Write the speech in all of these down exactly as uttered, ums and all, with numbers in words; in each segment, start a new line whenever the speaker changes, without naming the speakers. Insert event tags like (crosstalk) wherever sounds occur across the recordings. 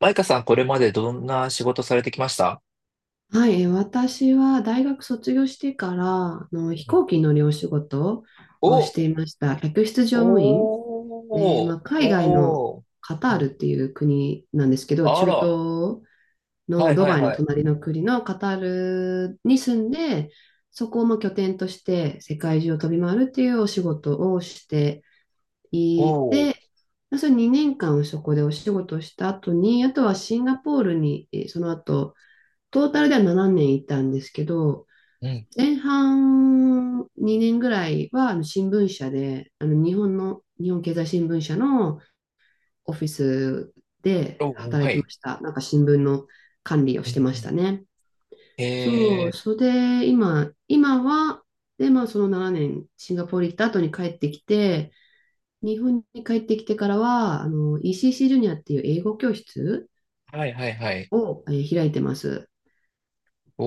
マイカさん、これまでどんな仕事されてきました？
はい、えー私は大学卒業してからあの
う
飛
ん。
行機に乗るお仕事をし
お、
ていました。客室乗務員で、
お
ま
ー、
あ、海外の
おー、
カタ
う
ール
ん。
っていう国なんですけど、
あ
中
ら、
東
は
の
い
ド
はい
バイの
はい。
隣の国のカタールに住んで、そこをまあ拠点として世界中を飛び回るっていうお仕事をしてい
お
て、
ー、
まあそれにねんかんそこでお仕事をした後に、あとはシンガポールにえーその後トータルではななねんいたんですけど、
うん。
前半にねんぐらいはあの新聞社で、あの日本の、日本経済新聞社のオフィスで
おー、
働
は
いて
い。
ました。なんか新聞の管理を
う
し
ん
てま
う
した
ん。
ね。そう、
え
それで今、今は、で、まあそのななねん、シンガポール行った後に帰ってきて、日本に帰ってきてからは、あの イーシーシー ジュニアっていう英語教室
ー、はいはいはい。
を、えー開いてます。
お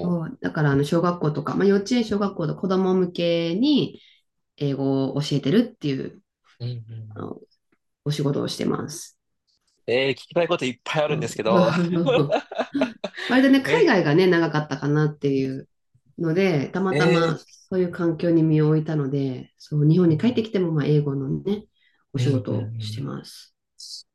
そ
ー、
う、だからあの小学校とか、まあ、幼稚園、小学校の子ども向けに英語を教えてるっていう
うんう
あ
ん。
のお仕事をしてます。
えー、聞きたいこといっぱいある
う
んですけ
ん。
ど。
(laughs) 割とね、
(laughs)
海
え
外がね、長かったかなっていうので、た
ー、
また
え
ま
ー、
そういう環境に身を置いたので、そう、日本
う
に帰って
ん
きてもまあ英語のね、
う
お
んう
仕
ん。
事を
う
して
ん、
ます。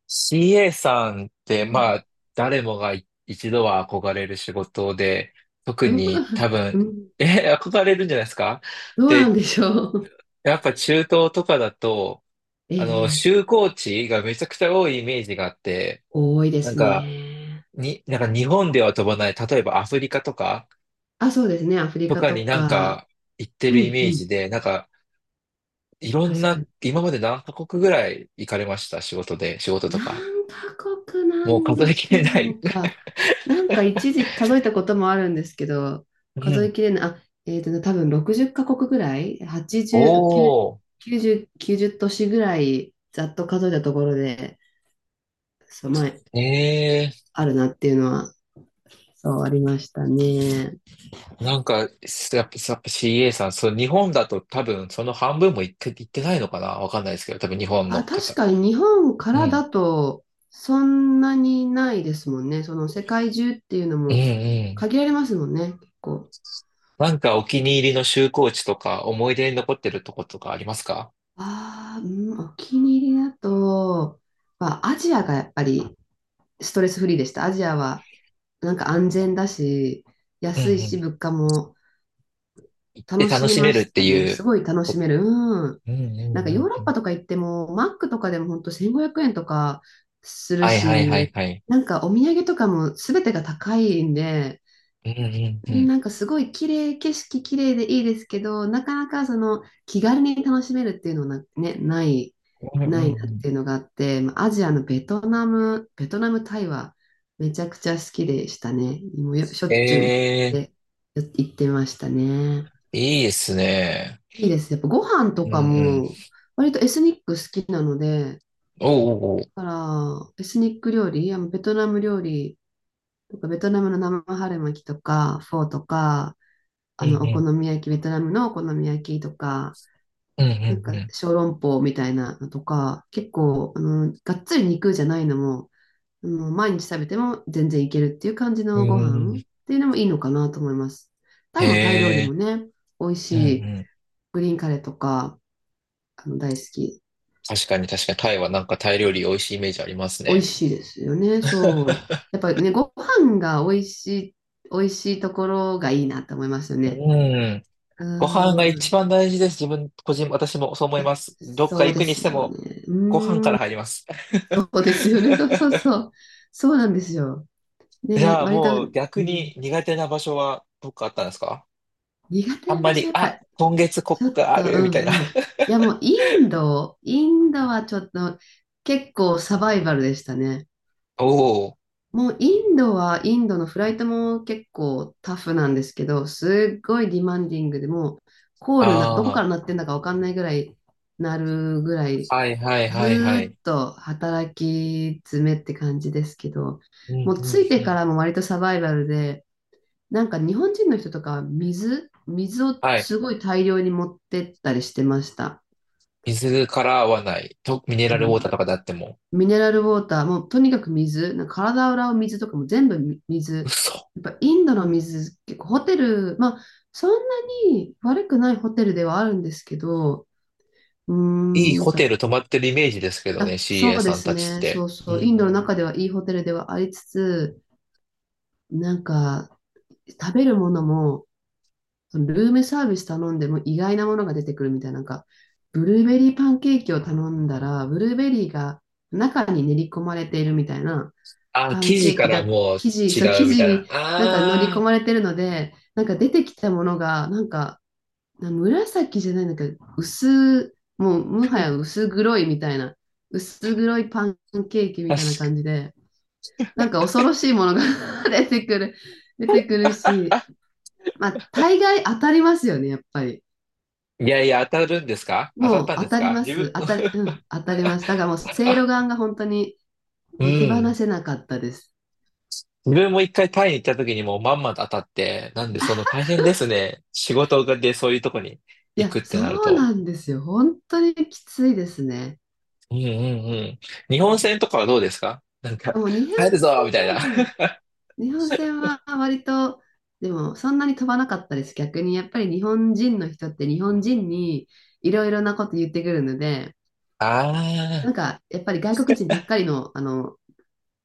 シーエー さんって、
う
ま
ん、
あ、誰もがい一度は憧れる仕事で、特
どう
に
なん
多
だ、う
分、
ん、
え、憧れるんじゃないですか？
どうなん
で、
でしょう。
やっぱ中東とかだと、あの、
(laughs) ええ、
就航地がめちゃくちゃ多いイメージがあって、
多いで
なん
す
か、
ね。
に、なんか日本では飛ばない、例えばアフリカとか、
あ、そうですね、アフリ
と
カ
か
と
になん
か。
か行って
う
るイ
んう
メージ
ん、
で、なんか、いろん
確か
な、
に。
今まで何カ国ぐらい行かれました？仕事で、仕事と
何
か。
カ国な
もう
ん
数
で
えき
しょ
れない。
うか。なんか一時数えたこともあるんですけど、
(laughs) う
数え
ん。
きれない、あ、えっとね、多分ろくじっカ国ぐらい、はちじゅう、
おー。
きゅうじゅう、きゅうじゅう都市ぐらい、ざっと数えたところで、そう、前、
ええ。
あるなっていうのは、そう、ありましたね。
なんか、すやっぱ、やっぱ シーエー さん、そう、日本だと多分その半分も行って、行ってないのかなわかんないですけど、多分日本の
あ、確
方。
かに日本か
う
ら
ん。
だと、そんなにないですもんね。その世界中っていうの
うん
も
うん。
限られますもんね、結構。
なんかお気に入りの就航地とか、思い出に残ってるとことかありますか？
ああ、うん、お気に入りだと、まあ、アジアがやっぱりストレスフリーでした。アジアはなんか安全だし、
うん
安い
う
し、
ん。
物価も
行って
楽
楽
しめ
しめ
ま
るっ
し
て
たね。
い
す
う。
ごい楽しめる。うん。
うんう
なん
んう
か
ん
ヨー
う
ロッ
ん。
パとか行っても、マックとかでも本当せんごひゃくえんとかする
はいはいはい
し、
はい。
なんかお土産とかも全てが高いんで、
うんうんうん。
なんかすごい綺麗、景色綺麗でいいですけど、なかなかその気軽に楽しめるっていうのはな、ね、ない、
うんう
な
ん
いなっ
うん。
ていうのがあって、まあアジアのベトナム、ベトナム、タイはめちゃくちゃ好きでしたね。もうよしょっちゅう行っ
ええ。
て、よ行ってましたね。
いいですね。
いいです。やっぱご飯
う
と
んう
か
ん。
も割とエスニック好きなので、
おうおうおう。
だからエスニック料理、あのベトナム料理とか、ベトナムの生春巻きとか、フォーとか、
う
あ
ん
の、お
う
好
ん。
み焼き、ベトナムのお好み焼きとか、
うんう
なんか
ん
小籠包みたいなのとか、結構、あの、がっつり肉じゃないのも、あの、毎日食べても全然いけるっていう感じ
う
の
ん。
ご
う
飯っ
ん。
ていうのもいいのかなと思います。
へ
タイもタイ料理
え。
もね、美味し
うんう
い。
ん。
グリーンカレーとか、あの、大好き
確かに確かに、
で
タイ
す。
はなんかタイ料理美味しいイメージあります
美味
ね。
しいですよね、そう。やっぱりね、ご飯が美味しい、美味しいところがいいなと思いますよね。
うん。
うー
ご飯が一
ん、
番大事です。自分、個人、私もそう思います。どっか
そう
行
で
くにして
すよ
も、
ね。うー
ご飯
ん。
から入ります。
そうですよね。(laughs) そうそうそう。そうなんですよ。
(laughs) じ
ね、
ゃあ
割と、
もう
う
逆
ん、
に苦手な場所はどっかあったんですか？
苦手
あん
な
ま
場所、
り、
やっ
あ、
ぱ、
今月こ
ちょ
こ
っ
があ
と、う
る、みたいな。
んうん。いや、もう、インド、インドはちょっと、結構サバイバルでしたね。
(laughs) おお、
もう、インドは、インドのフライトも結構タフなんですけど、すっごいディマンディングでもう、コールな、どこか
あ
ら鳴ってんだかわかんないぐらい、鳴るぐらい
あ、はいはいはいは
ずーっ
い。
と働き詰めって感じですけど、
うん
もう
うん
着いて
う
か
ん。
らも割とサバイバルで、なんか日本人の人とかは水、水を
は
す
い。
ごい大量に持ってったりしてました。
水から合わない。と、ミネ
う
ラルウォー
ん、
ターとかであっても。
ミネラルウォーター、もうとにかく水、なんか体を洗う水とかも全部み水。
嘘。
やっぱインドの水、結構ホテル、まあそんなに悪くないホテルではあるんですけど、うー
いい
ん、や
ホ
っ
テ
ぱ、
ル泊まってるイメージですけどね、
あ、
シーエー
そうで
さん
す
たちっ
ね、そ
て。
う
うん
そう、インド
う
の
ん。
中ではいいホテルではありつつ、なんか、食べるものも、そのルームサービス頼んでも意外なものが出てくるみたいな、なんか、ブルーベリーパンケーキを頼んだら、ブルーベリーが中に練り込まれているみたいな、
あ、
パ
記
ンケ
事
ー
か
キ
ら
だ、
もう
生地、そう、
違う
生
みた
地
いな。
になんか乗り込
あ
まれてるので、なんか出てきたものが、なんか、な紫じゃないんだけど、薄、もうもはや薄黒いみたいな、薄黒いパンケーキみ
あ、
た
確
いな感
か。
じで、なんか恐ろしいものが (laughs) 出てくる、出てくるし、まあ、大概当たりますよね、やっぱり。
いやいや、当たるんですか？当たっ
もう
たん
当
です
たり
か、
ま
自分。
す。当たり、うん、当たります。だからもう、
(laughs)
せいろ
あ、
がんが本当に
う
手放
ん。
せなかったです。
自分も一回タイに行った時にもうまんまと当たって、なんでその大変ですね。仕事でそういうとこに
い
行
や、
くってなる
そう
と。
なんですよ。本当にきついですね。
うんうんうん。日
う
本
ん、
船とかはどうですか？なんか、
もう日本
帰るぞ
戦
みたい
は、
な。
うん、
(laughs)
日本戦は割と、でもそんなに飛ばなかったです。逆にやっぱり日本人の人って日本人にいろいろなこと言ってくるので、
あ
な
あ、
んかやっぱり外国人ばっかりの、あの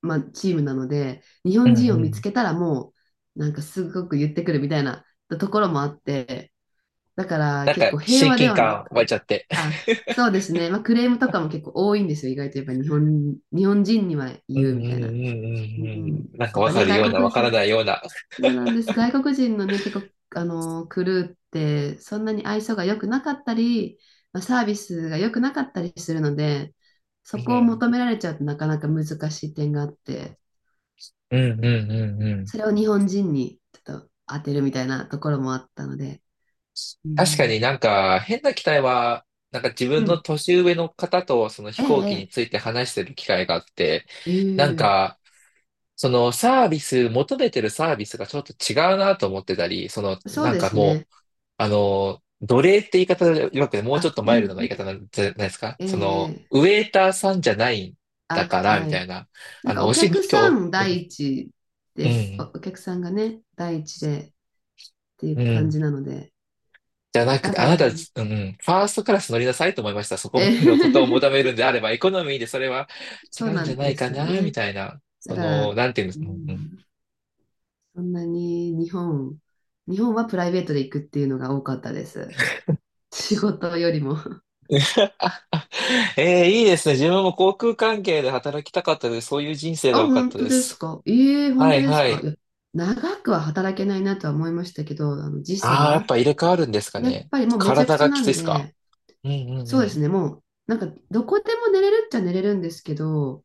まあ、チームなので、日
う
本
ん
人を
う
見つ
ん。
けたらもう、なんかすごく言ってくるみたいなところもあって、だから
なん
結
か、
構平
親
和で
近
はな
感湧い
く、
ちゃって。
あ、そうですね、まあ、クレームとかも結構多いんですよ、意外とやっぱ日本、日本人には
うんう
言
ん
う
うんうん
みたいな。うん、
うん。なんか
やっ
わ
ぱ
か
ね、
る
外
ような、わ
国
から
人、
ないような。
そうなんです、外国人のね、結構、あのークルーってそんなに愛想が良くなかったり、まあ、サービスが良くなかったりするので、
う
そこを
ん。
求められちゃうとなかなか難しい点があって。
うんうんうんうん。
それを日本人にちょっと当てるみたいなところもあったので。う
確か
ん。
に、なんか変な機体は、なんか自
う
分の
ん。
年上の方とその飛
え
行機に
え、
ついて話してる機会があって、
え
なん
え、
か、そのサービス、求めてるサービスがちょっと違うなと思ってたり、その
そう
なん
で
か
す
も
ね。
う、あの、奴隷って言い方でよくて、もうちょっ
あ、
と
う
マ
ん、う
イルドな言い方
ん。
なんじゃないですか、
ええ、
その、
ええ、
ウェイターさんじゃないんだ
あ、
から、み
は
たい
い。
な、
なん
あ
か
の、
お
お仕
客さ
事
ん
を、
第一
うん、
で
う
す。お、お
ん
客さんがね、第一でってい
う
う感
ん。
じなので。
じゃなく
だ
て、
か
あな
ら、
た、うん、ファーストクラス乗りなさいと思いました。そこま
ええ、
でのことを求めるんであれば、エコノミーでそれは
(laughs) そ
違
う
うん
な
じゃ
ん
な
で
いか
すよ
な、み
ね。
たいな。
だ
そ
か
の、
ら、
なんていうんです
う
か。うんうん。
ん、そんなに日本、日本はプライベートで行くっていうのが多かったです。仕事よりも。
(laughs) えー、いいですね。自分も航空関係で働きたかったので、そういう人生が
あ、
良かっ
本
た
当
で
です
す。
か。ええ本
は
当
い
です
は
か。い
い。
や、長くは働けないなとは思いましたけど、あの時
ああ、やっ
差、
ぱ入れ替わるんですか
やっ
ね。
ぱりもうめちゃく
体
ちゃ
がき
な
つい
ん
ですか？
で、
うんうん
そ
う
うです
ん。
ね、もう、なんか、どこでも寝れるっちゃ寝れるんですけど、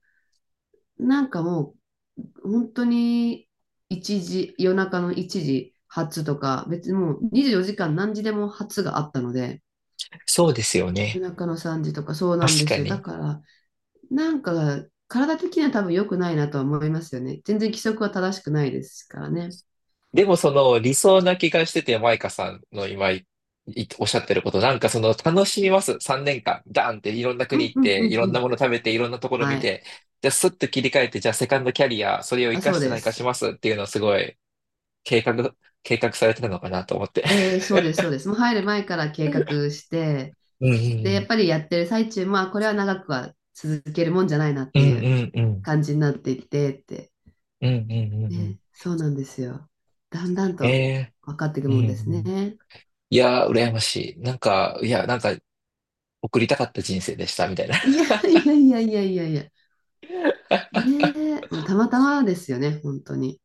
なんかもう、本当に、一時、夜中のいちじ発とか、別にもうにじゅうよじかん何時でも発があったので、
そうですよ
夜
ね。
中のさんじとか、そうなん
確
で
か
すよ。だ
に。
から、なんか、体的には多分良くないなとは思いますよね。全然規則は正しくないですからね。
でもその理想な気がしてて、マイカさんの今いいおっしゃってること、なんかその楽しみます。さんねんかん、ダーンっていろんな
う
国
ん
行っ
うんう
て、い
ん
ろ
う
んな
ん。
もの食べて、いろんなところ
は
見
い。
て、じゃあスッと切り替えて、じゃあセカンドキャリア、それを活
あ、
か
そう
して
で
何かし
す。
ますっていうのをすごい計画、(laughs) 計画されてたのかなと思って。
えー、そうです、そうです。もう入る前から計画して、
う
で、やっ
ん
ぱりやってる最中、まあ、これは長くは続けるもんじゃないなっ
う
て
んう
いう
んうんうん
感じになっていってって。
うんうんうんうん。
ね、そうなんですよ。だんだん
え
と
え。
分かっていく
うんう
もんです
ん。
ね。
いやー、羨ましい。なんか、いや、なんか、送りたかった人生でした、みたいな。
いやいやいやいやいやいや。ねえ、もうたまたまですよね、本当に。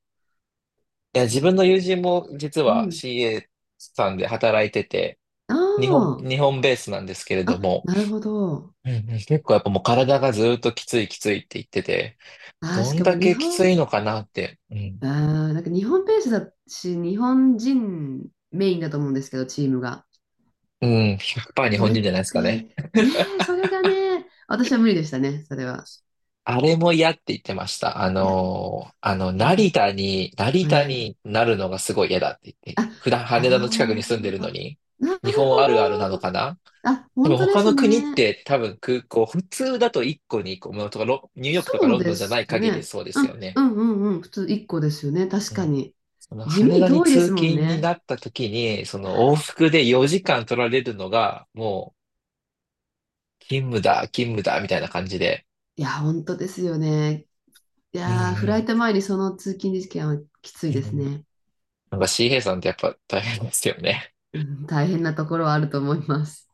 いや、
う
自
ん。
分の友人も実
う
は
ん、
シーエー さんで働いてて、日本、
あ
日本ベースなんですけれ
あ、
ど
あ、
も、
なるほど。
うんうん、結構やっぱもう体がずっときついきついって言ってて、
ああ、
ど
し
ん
かも
だ
日
けき
本、
ついのかなって、うん、
あーなんか日本ペースだし、日本人メインだと思うんですけど、チームが。
うん、ひゃくパーセント日
そ
本
れっ
人じゃないですか
て、
ね。
ねえ、それがね、私は無理でしたね、それは。
あれも嫌って言ってました。あ
いや、
のーあ
大
の、
変だ
成
と。
田に、成
は
田
い。
になるのがすごい嫌だって言っ
あ、
て、普段羽田の近くに
あ
住んでる
ー
の
あ、
に、
な
日
る
本
ほ
あるあるなの
ど。
かな？
あ、
多
本
分
当で
他
す
の国っ
ね。
て多分空港、普通だといっこにいっこ、ものとか、ロニューヨークとか
そう
ロンド
で
ンじゃな
す
い限り
ね。
そうで
う
す
ん、
よ
う
ね。
ん、うん、うん。普通いっこですよね、確
う
か
ん。
に。
その
地味
羽
に
田に
遠いで
通
すもん
勤に
ね。
なった時に、その往復でよじかん取られるのが、もう勤務だ、勤務だ、みたいな感じで。
いや、本当ですよね。い
うん
やー、フライ
う
ト前にその通勤時間はきつい
ん。
で
う
す
ん。
ね。
なんか シーエー さんってやっぱ大変ですよね。
うん、大変なところはあると思います。